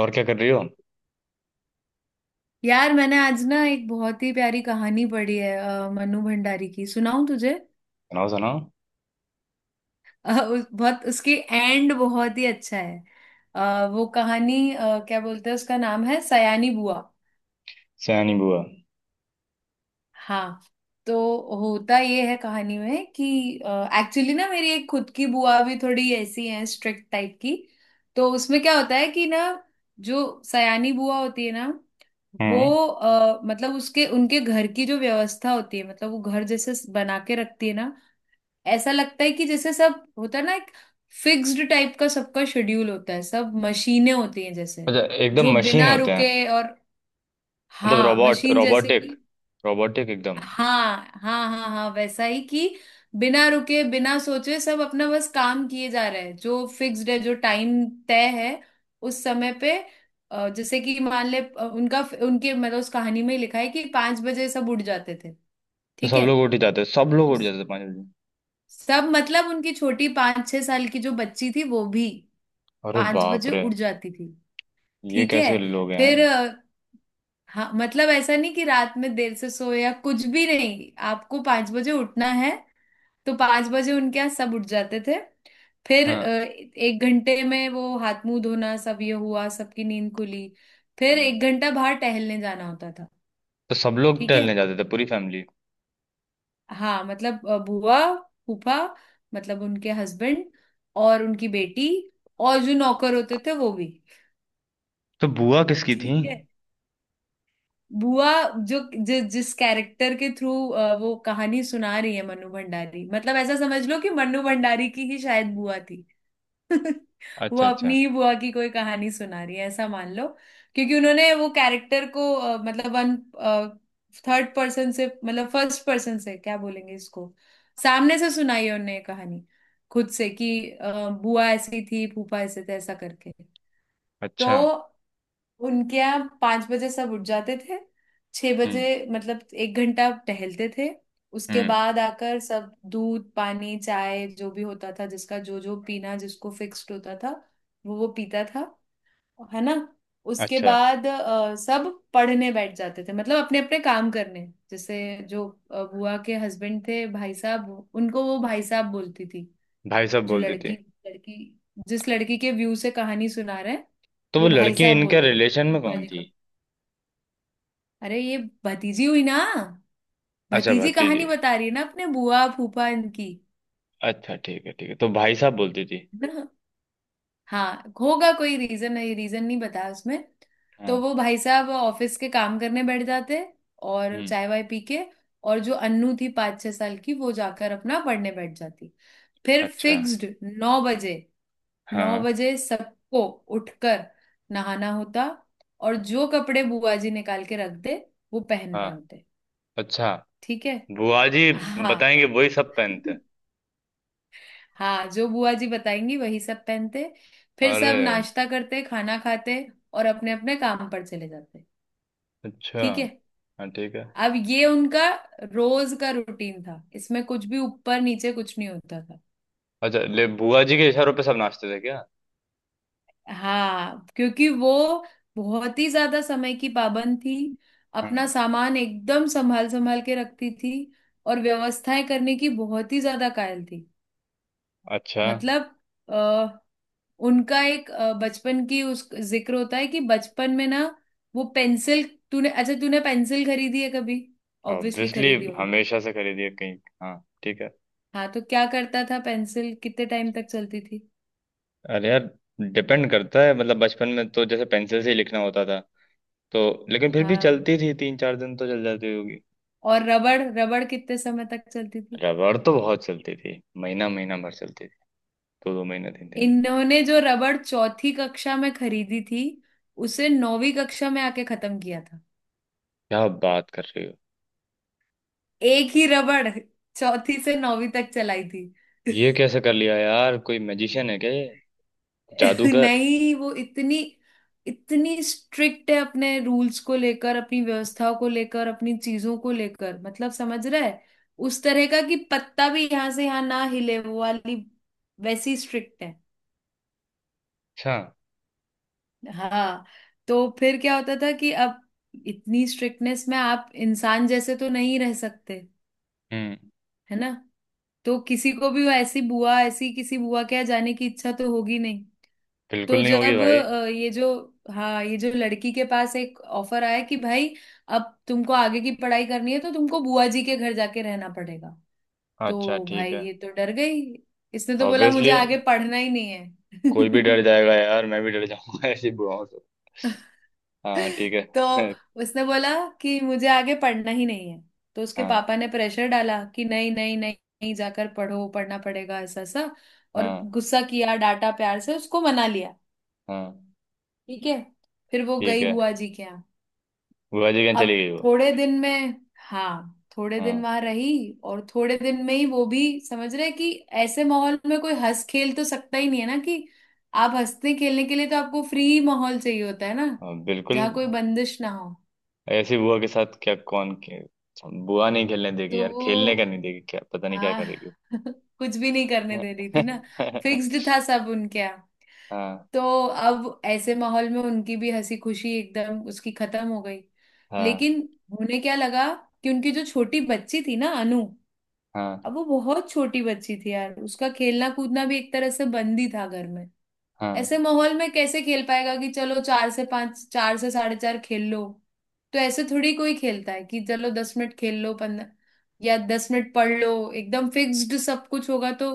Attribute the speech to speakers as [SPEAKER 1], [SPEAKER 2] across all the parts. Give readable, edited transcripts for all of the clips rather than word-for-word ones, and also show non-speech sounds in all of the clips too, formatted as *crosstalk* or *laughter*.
[SPEAKER 1] और क्या कर रही हो?
[SPEAKER 2] यार मैंने आज ना एक बहुत ही प्यारी कहानी पढ़ी है। मनु भंडारी की सुनाऊं तुझे।
[SPEAKER 1] सुनाओ, सुनाओ।
[SPEAKER 2] बहुत उसकी एंड बहुत ही अच्छा है। वो कहानी क्या बोलते हैं उसका नाम है सयानी बुआ।
[SPEAKER 1] सयानी बुआ?
[SPEAKER 2] हाँ। तो होता ये है कहानी में कि एक्चुअली ना मेरी एक खुद की बुआ भी थोड़ी ऐसी है स्ट्रिक्ट टाइप की। तो उसमें क्या होता है कि ना जो सयानी बुआ होती है ना वो
[SPEAKER 1] हम्म।
[SPEAKER 2] मतलब उसके उनके घर की जो व्यवस्था होती है मतलब वो घर जैसे बना के रखती है ना। ऐसा लगता है कि जैसे सब होता है ना एक फिक्स्ड टाइप का सबका शेड्यूल होता है सब मशीनें होती हैं जैसे।
[SPEAKER 1] अच्छा। एकदम
[SPEAKER 2] जो
[SPEAKER 1] मशीन
[SPEAKER 2] बिना
[SPEAKER 1] होते हैं।
[SPEAKER 2] रुके और
[SPEAKER 1] मतलब
[SPEAKER 2] हाँ
[SPEAKER 1] रोबोट,
[SPEAKER 2] मशीन जैसे
[SPEAKER 1] रोबोटिक।
[SPEAKER 2] कि।
[SPEAKER 1] रोबोटिक एकदम।
[SPEAKER 2] हाँ हाँ हाँ हाँ वैसा ही कि बिना रुके बिना सोचे सब अपना बस काम किए जा रहे हैं जो फिक्स्ड है जो टाइम तय है उस समय पे। जैसे कि मान ले उनका उनके मतलब उस कहानी में ही लिखा है कि 5 बजे सब उठ जाते थे।
[SPEAKER 1] तो
[SPEAKER 2] ठीक है।
[SPEAKER 1] सब लोग उठ ही जाते हैं, सब लोग उठ
[SPEAKER 2] उस
[SPEAKER 1] जाते हैं पाँच बजे।
[SPEAKER 2] सब मतलब उनकी छोटी 5-6 साल की जो बच्ची थी वो भी
[SPEAKER 1] अरे
[SPEAKER 2] पांच
[SPEAKER 1] बाप
[SPEAKER 2] बजे
[SPEAKER 1] रे।
[SPEAKER 2] उठ जाती थी।
[SPEAKER 1] ये
[SPEAKER 2] ठीक है।
[SPEAKER 1] कैसे लोग
[SPEAKER 2] फिर
[SPEAKER 1] हैं?
[SPEAKER 2] हाँ मतलब ऐसा नहीं कि रात में देर से सोए या कुछ भी नहीं आपको 5 बजे उठना है। तो 5 बजे उनके यहाँ सब उठ जाते थे। फिर
[SPEAKER 1] हाँ।
[SPEAKER 2] एक घंटे में वो हाथ मुंह धोना सब ये हुआ सबकी नींद खुली। फिर
[SPEAKER 1] हम्म।
[SPEAKER 2] एक घंटा बाहर टहलने जाना होता था।
[SPEAKER 1] तो सब लोग
[SPEAKER 2] ठीक है।
[SPEAKER 1] टहलने जाते थे पूरी फैमिली?
[SPEAKER 2] हाँ मतलब बुआ फूफा मतलब उनके हस्बैंड और उनकी बेटी और जो नौकर होते थे वो भी।
[SPEAKER 1] तो बुआ किसकी थी?
[SPEAKER 2] ठीक है। बुआ जो जिस कैरेक्टर के थ्रू वो कहानी सुना रही है मनु भंडारी मतलब ऐसा समझ लो कि मनु भंडारी की ही शायद बुआ थी। *laughs* वो
[SPEAKER 1] अच्छा, अच्छा,
[SPEAKER 2] अपनी बुआ की कोई कहानी सुना रही है ऐसा मान लो। क्योंकि उन्होंने वो कैरेक्टर को मतलब वन थर्ड पर्सन से मतलब फर्स्ट पर्सन से क्या बोलेंगे इसको। सामने से सुनाई है उन्हें कहानी खुद से कि बुआ ऐसी थी फूफा ऐसे थे ऐसा करके। तो
[SPEAKER 1] अच्छा।
[SPEAKER 2] उनके यहाँ 5 बजे सब उठ जाते थे। 6 बजे
[SPEAKER 1] हम्म।
[SPEAKER 2] मतलब एक घंटा टहलते थे। उसके
[SPEAKER 1] हम्म।
[SPEAKER 2] बाद आकर सब दूध पानी चाय जो भी होता था जिसका जो जो पीना जिसको फिक्स्ड होता था वो पीता था। है ना। उसके
[SPEAKER 1] अच्छा।
[SPEAKER 2] बाद सब पढ़ने बैठ जाते थे मतलब अपने अपने काम करने जैसे। जो बुआ के हस्बैंड थे भाई साहब उनको वो भाई साहब बोलती थी।
[SPEAKER 1] भाई साहब
[SPEAKER 2] जो
[SPEAKER 1] बोलती थी?
[SPEAKER 2] लड़की लड़की जिस लड़की के व्यू से कहानी सुना रहे हैं
[SPEAKER 1] तो वो
[SPEAKER 2] वो भाई
[SPEAKER 1] लड़की
[SPEAKER 2] साहब
[SPEAKER 1] इनके
[SPEAKER 2] बोलते थे
[SPEAKER 1] रिलेशन में
[SPEAKER 2] रूपा
[SPEAKER 1] कौन
[SPEAKER 2] जी को।
[SPEAKER 1] थी?
[SPEAKER 2] अरे ये भतीजी हुई ना।
[SPEAKER 1] अच्छा,
[SPEAKER 2] भतीजी
[SPEAKER 1] भतीजी।
[SPEAKER 2] कहानी बता रही है ना अपने बुआ फूफा इनकी।
[SPEAKER 1] अच्छा, ठीक है, ठीक है तो भाई साहब बोलती थी।
[SPEAKER 2] है ना। हाँ होगा कोई रीजन नहीं, रीजन नहीं बता उसमें। तो
[SPEAKER 1] हाँ।
[SPEAKER 2] वो भाई साहब ऑफिस के काम करने बैठ जाते और
[SPEAKER 1] हम्म।
[SPEAKER 2] चाय वाय पी के। और जो अन्नू थी 5-6 साल की वो जाकर अपना पढ़ने बैठ जाती। फिर
[SPEAKER 1] अच्छा।
[SPEAKER 2] फिक्स्ड 9 बजे। नौ
[SPEAKER 1] हाँ।
[SPEAKER 2] बजे सबको उठकर नहाना होता। और जो कपड़े बुआ जी निकाल के रख दे वो पहनने
[SPEAKER 1] हाँ।
[SPEAKER 2] होते।
[SPEAKER 1] अच्छा।
[SPEAKER 2] ठीक है।
[SPEAKER 1] बुआ जी।
[SPEAKER 2] हाँ।
[SPEAKER 1] बताएंगे वही सब पहनते हैं।
[SPEAKER 2] *laughs* हाँ जो बुआ जी बताएंगी वही सब पहनते। फिर
[SPEAKER 1] अरे।
[SPEAKER 2] सब नाश्ता करते खाना खाते और अपने अपने काम पर चले जाते।
[SPEAKER 1] अच्छा।
[SPEAKER 2] ठीक है।
[SPEAKER 1] हाँ, ठीक है।
[SPEAKER 2] अब ये उनका रोज का रूटीन था इसमें कुछ भी ऊपर नीचे कुछ नहीं होता था।
[SPEAKER 1] अच्छा ले, बुआ जी के इशारों पे सब नाचते थे क्या?
[SPEAKER 2] हाँ क्योंकि वो बहुत ही ज्यादा समय की पाबंद थी।
[SPEAKER 1] हम्म।
[SPEAKER 2] अपना सामान एकदम संभाल संभाल के रखती थी। और व्यवस्थाएं करने की बहुत ही ज्यादा कायल थी।
[SPEAKER 1] अच्छा।
[SPEAKER 2] मतलब उनका एक बचपन की उस जिक्र होता है कि बचपन में ना वो पेंसिल तूने अच्छा तूने पेंसिल खरीदी है कभी। ऑब्वियसली
[SPEAKER 1] ऑब्वियसली,
[SPEAKER 2] खरीदी होगी।
[SPEAKER 1] हमेशा से खरीदिए कहीं। हाँ। ठीक है।
[SPEAKER 2] हाँ तो क्या करता था पेंसिल कितने टाइम तक चलती थी।
[SPEAKER 1] अरे यार। डिपेंड करता है, मतलब बचपन में तो जैसे पेंसिल से ही लिखना होता था। तो। लेकिन फिर भी
[SPEAKER 2] हाँ
[SPEAKER 1] चलती थी, तीन चार दिन तो चल जाती होगी।
[SPEAKER 2] और रबड़ रबड़ कितने समय तक चलती थी।
[SPEAKER 1] रबड़ तो बहुत चलती थी, महीना महीना भर चलती थी। दो दो महीना, तीन तीन महीना।
[SPEAKER 2] इन्होंने जो रबड़ चौथी कक्षा में खरीदी थी उसे नौवीं कक्षा में आके खत्म किया था।
[SPEAKER 1] क्या बात कर रही हो?
[SPEAKER 2] एक ही रबड़ चौथी से नौवीं तक चलाई थी।
[SPEAKER 1] ये
[SPEAKER 2] *laughs*
[SPEAKER 1] कैसे कर लिया यार? कोई मैजिशियन है क्या ये?
[SPEAKER 2] *laughs*
[SPEAKER 1] जादूगर।
[SPEAKER 2] नहीं वो इतनी इतनी स्ट्रिक्ट है अपने रूल्स को लेकर अपनी व्यवस्था को लेकर अपनी चीजों को लेकर मतलब समझ रहा है। उस तरह का कि पत्ता भी यहाँ से यहाँ ना हिले वो वाली वैसी स्ट्रिक्ट है।
[SPEAKER 1] अच्छा।
[SPEAKER 2] हाँ। तो फिर क्या होता था कि अब इतनी स्ट्रिक्टनेस में आप इंसान जैसे तो नहीं रह सकते।
[SPEAKER 1] हम्म।
[SPEAKER 2] है ना। तो किसी को भी वो ऐसी बुआ ऐसी किसी बुआ के यहाँ जाने की इच्छा तो होगी नहीं। तो
[SPEAKER 1] बिल्कुल नहीं होगी
[SPEAKER 2] जब
[SPEAKER 1] भाई।
[SPEAKER 2] अ, ये जो हाँ, ये जो लड़की के पास एक ऑफर आया कि भाई अब तुमको आगे की पढ़ाई करनी है तो तुमको बुआ जी के घर जाके रहना पड़ेगा।
[SPEAKER 1] अच्छा,
[SPEAKER 2] तो
[SPEAKER 1] ठीक
[SPEAKER 2] भाई
[SPEAKER 1] है।
[SPEAKER 2] ये तो डर गई। इसने तो बोला मुझे
[SPEAKER 1] ऑब्वियसली।
[SPEAKER 2] आगे पढ़ना ही नहीं है।
[SPEAKER 1] कोई भी डर
[SPEAKER 2] *laughs*
[SPEAKER 1] जाएगा यार, मैं भी डर जाऊंगा *laughs* ऐसी बुआओं से।
[SPEAKER 2] *laughs*
[SPEAKER 1] हाँ, ठीक है।
[SPEAKER 2] तो उसने बोला कि मुझे आगे पढ़ना ही नहीं है। तो
[SPEAKER 1] *laughs*
[SPEAKER 2] उसके
[SPEAKER 1] हाँ,
[SPEAKER 2] पापा ने प्रेशर डाला कि नहीं नहीं नहीं नहीं जाकर पढ़ो पढ़ना पड़ेगा ऐसा सा। और
[SPEAKER 1] हाँ,
[SPEAKER 2] गुस्सा किया डांटा प्यार से उसको मना लिया।
[SPEAKER 1] हाँ।
[SPEAKER 2] ठीक है। फिर वो
[SPEAKER 1] ठीक
[SPEAKER 2] गई
[SPEAKER 1] है।
[SPEAKER 2] बुआ जी के यहाँ।
[SPEAKER 1] बुआ जी कहाँ चली
[SPEAKER 2] अब
[SPEAKER 1] गई वो?
[SPEAKER 2] थोड़े दिन में हाँ थोड़े दिन
[SPEAKER 1] हाँ।
[SPEAKER 2] वहां रही। और थोड़े दिन में ही वो भी समझ रहे कि ऐसे माहौल में कोई हंस खेल तो सकता ही नहीं है ना कि आप हंसने खेलने के लिए तो आपको फ्री माहौल चाहिए होता है ना।
[SPEAKER 1] हाँ, बिल्कुल।
[SPEAKER 2] जहाँ कोई बंदिश ना हो।
[SPEAKER 1] ऐसी बुआ के साथ क्या कौन के। बुआ नहीं खेलने देगी
[SPEAKER 2] तो
[SPEAKER 1] यार,
[SPEAKER 2] वो
[SPEAKER 1] खेलने का नहीं देगी, क्या पता नहीं क्या
[SPEAKER 2] आ,
[SPEAKER 1] करेगी।
[SPEAKER 2] *laughs* कुछ भी नहीं करने दे रही थी ना।
[SPEAKER 1] *laughs*
[SPEAKER 2] फिक्स्ड था सब उनके यहाँ।
[SPEAKER 1] हाँ,
[SPEAKER 2] तो अब ऐसे माहौल में उनकी भी हंसी खुशी एकदम उसकी खत्म हो गई।
[SPEAKER 1] हाँ,
[SPEAKER 2] लेकिन उन्हें क्या लगा कि उनकी जो छोटी बच्ची थी ना अनु
[SPEAKER 1] हाँ,
[SPEAKER 2] अब वो बहुत छोटी बच्ची थी यार उसका खेलना कूदना भी एक तरह से बंद ही था घर में। ऐसे
[SPEAKER 1] हाँ।
[SPEAKER 2] माहौल में कैसे खेल पाएगा कि चलो चार से पांच चार से साढ़े चार खेल लो। तो ऐसे थोड़ी कोई खेलता है कि चलो 10 मिनट खेल लो 15। या 10 मिनट पढ़ लो एकदम फिक्स्ड सब कुछ होगा तो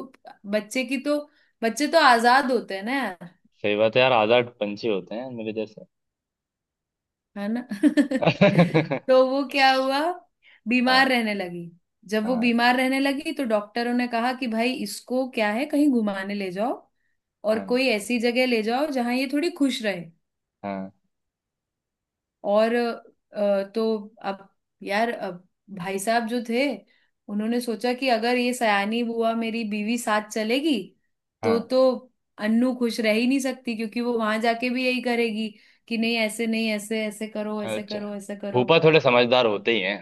[SPEAKER 2] बच्चे की तो बच्चे तो आजाद होते हैं ना यार।
[SPEAKER 1] सही बात है यार, आजाद पंछी होते हैं मेरे जैसे।
[SPEAKER 2] है ना। *laughs*
[SPEAKER 1] *laughs*
[SPEAKER 2] तो वो क्या हुआ बीमार
[SPEAKER 1] हाँ,
[SPEAKER 2] रहने लगी। जब वो
[SPEAKER 1] हाँ,
[SPEAKER 2] बीमार रहने लगी तो डॉक्टरों ने कहा कि भाई इसको क्या है कहीं घुमाने ले जाओ। और
[SPEAKER 1] हाँ,
[SPEAKER 2] कोई ऐसी जगह ले जाओ जहां ये थोड़ी खुश रहे।
[SPEAKER 1] हाँ।
[SPEAKER 2] और तो अब यार अब भाई साहब जो थे उन्होंने सोचा कि अगर ये सयानी बुआ मेरी बीवी साथ चलेगी तो
[SPEAKER 1] हाँ।
[SPEAKER 2] तो अन्नू खुश रह ही नहीं सकती क्योंकि वो वहां जाके भी यही करेगी कि नहीं ऐसे नहीं ऐसे ऐसे करो ऐसे
[SPEAKER 1] अच्छा।
[SPEAKER 2] करो ऐसे करो।
[SPEAKER 1] फूफा थोड़े समझदार होते ही हैं।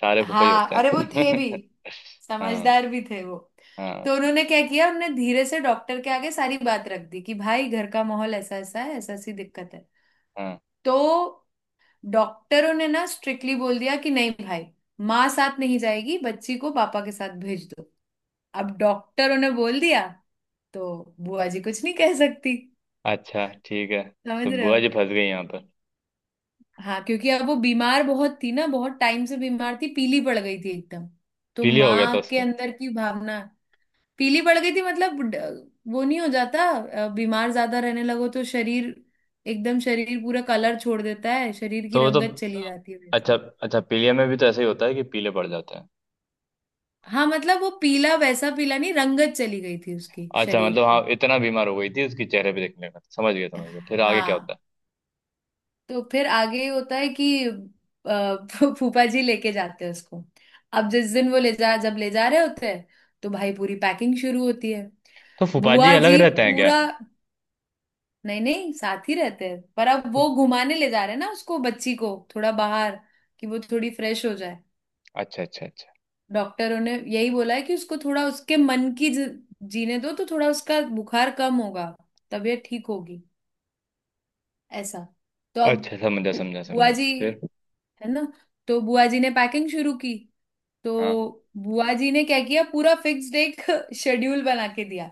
[SPEAKER 1] सारे फूफा ही
[SPEAKER 2] हाँ
[SPEAKER 1] होते
[SPEAKER 2] अरे वो थे
[SPEAKER 1] हैं।
[SPEAKER 2] भी
[SPEAKER 1] *laughs* हाँ,
[SPEAKER 2] समझदार भी थे वो।
[SPEAKER 1] हाँ।
[SPEAKER 2] तो उन्होंने क्या किया उन्होंने धीरे से डॉक्टर के आगे सारी बात रख दी कि भाई घर का माहौल ऐसा ऐसा है ऐसा ऐसी दिक्कत है।
[SPEAKER 1] हाँ।
[SPEAKER 2] तो डॉक्टरों ने ना स्ट्रिक्टली बोल दिया कि नहीं भाई माँ साथ नहीं जाएगी बच्ची को पापा के साथ भेज दो। अब डॉक्टरों ने बोल दिया तो बुआ जी कुछ नहीं कह सकती।
[SPEAKER 1] अच्छा, ठीक है तो
[SPEAKER 2] समझ रहे
[SPEAKER 1] बुआ
[SPEAKER 2] हो।
[SPEAKER 1] जी फंस गई यहाँ पर?
[SPEAKER 2] हाँ क्योंकि अब वो बीमार बहुत थी ना बहुत टाइम से बीमार थी पीली पड़ गई थी एकदम। तो
[SPEAKER 1] पीलिया हो गया था
[SPEAKER 2] माँ के
[SPEAKER 1] उसको?
[SPEAKER 2] अंदर की भावना पीली पड़ गई थी मतलब वो नहीं हो जाता बीमार ज्यादा रहने लगो तो शरीर एकदम शरीर पूरा कलर छोड़ देता है शरीर की
[SPEAKER 1] तो वो तो।
[SPEAKER 2] रंगत चली जाती है।
[SPEAKER 1] अच्छा। अच्छा, पीलिया में भी तो ऐसे ही होता है कि पीले पड़ जाते हैं।
[SPEAKER 2] हाँ मतलब वो पीला वैसा पीला नहीं रंगत चली गई थी उसकी
[SPEAKER 1] अच्छा,
[SPEAKER 2] शरीर
[SPEAKER 1] मतलब हाँ,
[SPEAKER 2] की।
[SPEAKER 1] इतना बीमार हो गई थी उसके चेहरे पे देखने का, समझ गया, समझ गया, फिर आगे क्या होता है?
[SPEAKER 2] हाँ तो फिर आगे होता है कि फूफा जी लेके जाते हैं उसको। अब जिस दिन वो ले जा जब ले जा रहे होते हैं तो भाई पूरी पैकिंग शुरू होती है।
[SPEAKER 1] तो फूफा जी
[SPEAKER 2] बुआ
[SPEAKER 1] अलग
[SPEAKER 2] जी
[SPEAKER 1] रहते हैं क्या?
[SPEAKER 2] पूरा नहीं नहीं साथ ही रहते हैं पर अब
[SPEAKER 1] तो।
[SPEAKER 2] वो घुमाने ले जा रहे हैं ना उसको बच्ची को थोड़ा बाहर कि वो थोड़ी फ्रेश हो जाए।
[SPEAKER 1] अच्छा, अच्छा, अच्छा।
[SPEAKER 2] डॉक्टरों ने यही बोला है कि उसको थोड़ा उसके मन की जीने दो तो थोड़ा उसका बुखार कम होगा तबीयत ठीक होगी ऐसा। तो अब
[SPEAKER 1] अच्छा, समझा, समझा,
[SPEAKER 2] बुआ
[SPEAKER 1] समझा।
[SPEAKER 2] जी
[SPEAKER 1] फिर।
[SPEAKER 2] है ना तो बुआ जी ने पैकिंग शुरू की। तो
[SPEAKER 1] हाँ।
[SPEAKER 2] बुआ जी ने क्या किया पूरा फिक्स्ड एक *laughs* शेड्यूल बना के दिया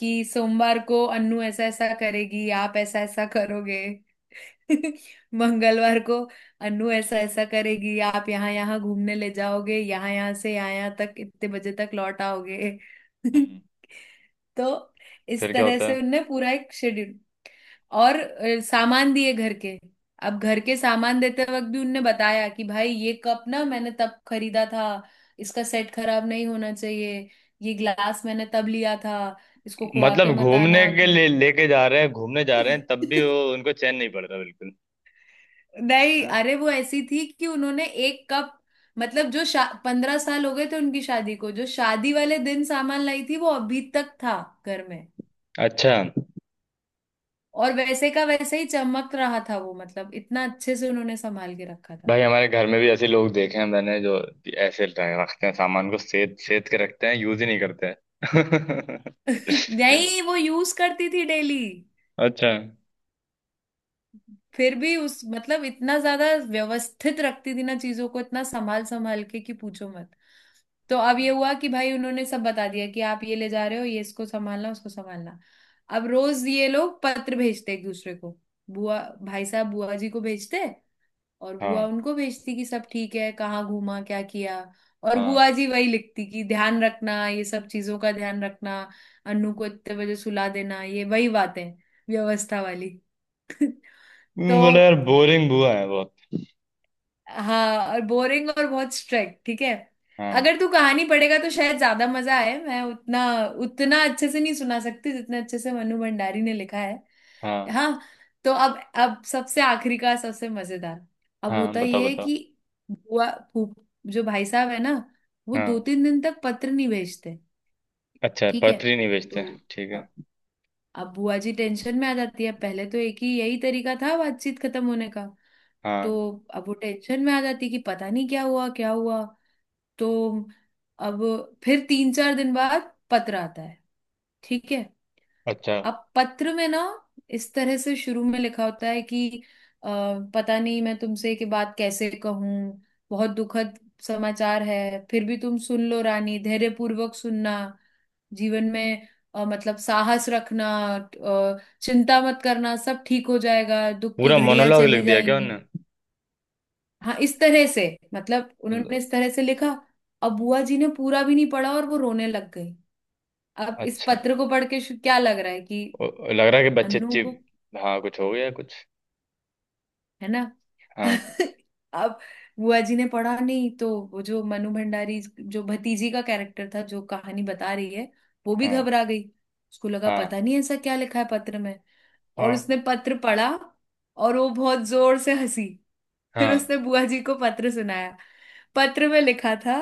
[SPEAKER 2] कि सोमवार को अन्नू ऐसा ऐसा करेगी आप ऐसा ऐसा करोगे। *laughs* मंगलवार को अन्नू ऐसा ऐसा करेगी आप यहाँ यहाँ घूमने ले जाओगे यहाँ यहाँ से यहाँ यहाँ तक इतने बजे तक लौट आओगे। *laughs*
[SPEAKER 1] हम्म।
[SPEAKER 2] तो इस
[SPEAKER 1] फिर क्या
[SPEAKER 2] तरह
[SPEAKER 1] होता है?
[SPEAKER 2] से उनने पूरा एक शेड्यूल और सामान दिए घर के। अब घर के सामान देते वक्त भी उनने बताया कि भाई ये कप ना मैंने तब खरीदा था इसका सेट खराब नहीं होना चाहिए। ये ग्लास मैंने तब लिया था इसको खोआ के
[SPEAKER 1] मतलब
[SPEAKER 2] मत
[SPEAKER 1] घूमने
[SPEAKER 2] आना
[SPEAKER 1] के
[SPEAKER 2] तुम।
[SPEAKER 1] लिए लेके जा रहे हैं, घूमने जा रहे हैं तब भी
[SPEAKER 2] *laughs*
[SPEAKER 1] वो उनको चैन नहीं पड़ रहा बिल्कुल।
[SPEAKER 2] नहीं
[SPEAKER 1] हैं?
[SPEAKER 2] अरे वो ऐसी थी कि उन्होंने एक कप मतलब जो 15 साल हो गए थे उनकी शादी को जो शादी वाले दिन सामान लाई थी वो अभी तक था घर में।
[SPEAKER 1] अच्छा।
[SPEAKER 2] और वैसे का वैसे ही चमक रहा था वो मतलब इतना अच्छे से उन्होंने संभाल के रखा था।
[SPEAKER 1] भाई हमारे घर में भी ऐसे लोग देखे हैं मैंने जो ऐसे रखते हैं, सामान को सेद सेद के रखते हैं, यूज ही नहीं करते हैं।
[SPEAKER 2] *laughs* नहीं
[SPEAKER 1] *laughs*
[SPEAKER 2] वो यूज करती थी डेली।
[SPEAKER 1] अच्छा, हम्म।
[SPEAKER 2] फिर भी उस मतलब इतना ज्यादा व्यवस्थित रखती थी ना चीजों को इतना संभाल संभाल के कि पूछो मत। तो अब ये हुआ कि भाई उन्होंने सब बता दिया कि आप ये ले जा रहे हो ये इसको संभालना उसको संभालना। अब रोज ये लोग पत्र भेजते एक दूसरे को। बुआ भाई साहब बुआ जी को भेजते और बुआ
[SPEAKER 1] हाँ।
[SPEAKER 2] उनको भेजती कि सब ठीक है कहाँ घूमा क्या किया। और
[SPEAKER 1] हाँ।
[SPEAKER 2] बुआ जी वही लिखती कि ध्यान रखना ये सब चीजों का ध्यान रखना अन्नू को इतने बजे सुला देना ये वही बातें व्यवस्था वाली। *laughs* तो
[SPEAKER 1] बोला यार, बोरिंग बुआ है बहुत।
[SPEAKER 2] हाँ और बोरिंग और बहुत स्ट्रिक्ट ठीक है।
[SPEAKER 1] हाँ।
[SPEAKER 2] अगर तू कहानी पढ़ेगा तो शायद ज्यादा मजा आए मैं उतना उतना अच्छे से नहीं सुना सकती जितना अच्छे से मनु भंडारी ने लिखा है।
[SPEAKER 1] हाँ,
[SPEAKER 2] हाँ। तो अब सबसे आखिरी का सबसे मजेदार अब
[SPEAKER 1] हाँ
[SPEAKER 2] होता
[SPEAKER 1] बताओ,
[SPEAKER 2] ये है
[SPEAKER 1] बताओ।
[SPEAKER 2] कि बुआ फूफ जो भाई साहब है ना वो दो
[SPEAKER 1] हाँ।
[SPEAKER 2] तीन दिन तक पत्र नहीं भेजते।
[SPEAKER 1] अच्छा,
[SPEAKER 2] ठीक है।
[SPEAKER 1] पथरी नहीं
[SPEAKER 2] तो
[SPEAKER 1] बेचते। ठीक है।
[SPEAKER 2] अब अब बुआ जी टेंशन में आ जाती है पहले तो एक ही यही तरीका था बातचीत खत्म होने का। तो
[SPEAKER 1] हाँ।
[SPEAKER 2] अब वो टेंशन में आ जाती कि पता नहीं क्या हुआ क्या हुआ। तो अब फिर 3-4 दिन बाद पत्र आता है। ठीक है।
[SPEAKER 1] अच्छा।
[SPEAKER 2] अब पत्र में ना इस तरह से शुरू में लिखा होता है कि अ, पता नहीं मैं तुमसे ये बात कैसे कहूं। बहुत दुखद समाचार है फिर भी तुम सुन लो रानी धैर्यपूर्वक सुनना जीवन में मतलब साहस रखना चिंता मत करना सब ठीक हो जाएगा दुख की
[SPEAKER 1] पूरा
[SPEAKER 2] घड़ियां
[SPEAKER 1] मोनोलॉग लिख
[SPEAKER 2] चली
[SPEAKER 1] दिया क्या
[SPEAKER 2] जाएंगी।
[SPEAKER 1] उनने?
[SPEAKER 2] हाँ इस तरह से मतलब उन्होंने
[SPEAKER 1] ल-
[SPEAKER 2] इस तरह से लिखा। अब बुआ जी ने पूरा भी नहीं पढ़ा और वो रोने लग गई। अब इस
[SPEAKER 1] अच्छा।
[SPEAKER 2] पत्र को पढ़ के क्या लग रहा है कि
[SPEAKER 1] ओ, लग रहा है कि बच्चे
[SPEAKER 2] अन्नू को
[SPEAKER 1] चिप। हाँ, कुछ हो गया कुछ?
[SPEAKER 2] है ना।
[SPEAKER 1] हाँ।
[SPEAKER 2] *laughs* अब बुआ जी ने पढ़ा नहीं तो वो जो मनु भंडारी जो भतीजी का कैरेक्टर था जो कहानी बता रही है वो भी
[SPEAKER 1] हाँ।
[SPEAKER 2] घबरा गई। उसको लगा
[SPEAKER 1] हाँ,
[SPEAKER 2] पता नहीं ऐसा क्या लिखा है पत्र में। और
[SPEAKER 1] हाँ,
[SPEAKER 2] उसने पत्र पढ़ा और वो बहुत जोर से हंसी। फिर
[SPEAKER 1] हाँ।
[SPEAKER 2] उसने बुआ जी को पत्र सुनाया। पत्र में लिखा था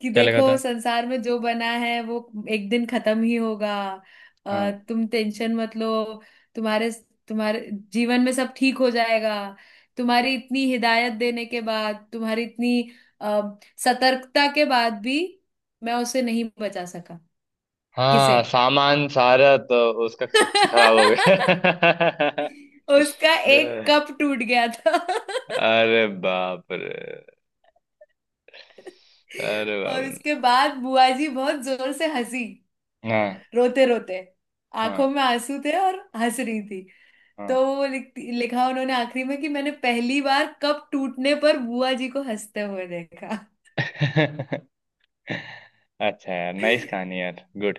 [SPEAKER 2] कि
[SPEAKER 1] क्या लगा
[SPEAKER 2] देखो
[SPEAKER 1] था?
[SPEAKER 2] संसार में जो बना है वो एक दिन खत्म ही होगा
[SPEAKER 1] हाँ।
[SPEAKER 2] तुम टेंशन मत लो। तुम्हारे तुम्हारे जीवन में सब ठीक हो जाएगा। तुम्हारी इतनी हिदायत देने के बाद तुम्हारी इतनी अ, सतर्कता के बाद भी मैं उसे नहीं बचा सका। किसे।
[SPEAKER 1] हाँ, सामान सारा तो। उसका खराब हो
[SPEAKER 2] *laughs*
[SPEAKER 1] गया।
[SPEAKER 2] उसका एक कप टूट गया था।
[SPEAKER 1] *laughs*
[SPEAKER 2] *laughs*
[SPEAKER 1] अरे बाप रे, अरे
[SPEAKER 2] और
[SPEAKER 1] बाप
[SPEAKER 2] उसके बाद बुआ जी बहुत जोर से हंसी
[SPEAKER 1] रे, हाँ,
[SPEAKER 2] रोते रोते आंखों
[SPEAKER 1] हाँ,
[SPEAKER 2] में आंसू थे और हंस रही थी।
[SPEAKER 1] हाँ।
[SPEAKER 2] तो वो लिखती लिखा उन्होंने आखिरी में कि मैंने पहली बार कप टूटने पर बुआ जी को हंसते हुए देखा।
[SPEAKER 1] *laughs* अच्छा यार, नाइस कहानी यार, गुड।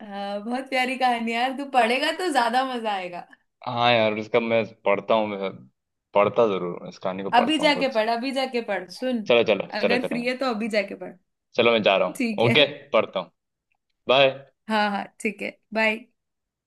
[SPEAKER 2] बहुत प्यारी कहानी यार तू पढ़ेगा तो ज्यादा मजा आएगा।
[SPEAKER 1] हाँ यार, उसका मैं पढ़ता हूँ मैं। पढ़ता जरूर हूँ, इस कहानी को पढ़ता हूँ कुछ।
[SPEAKER 2] अभी जाके पढ़ सुन।
[SPEAKER 1] चलो, चलो, चलो,
[SPEAKER 2] अगर
[SPEAKER 1] चलो।
[SPEAKER 2] फ्री है तो अभी जाके पढ़।
[SPEAKER 1] चलो, मैं जा रहा
[SPEAKER 2] ठीक
[SPEAKER 1] हूँ,
[SPEAKER 2] है।
[SPEAKER 1] ओके। पढ़ता हूँ। बाय।
[SPEAKER 2] हाँ हाँ ठीक है। बाय।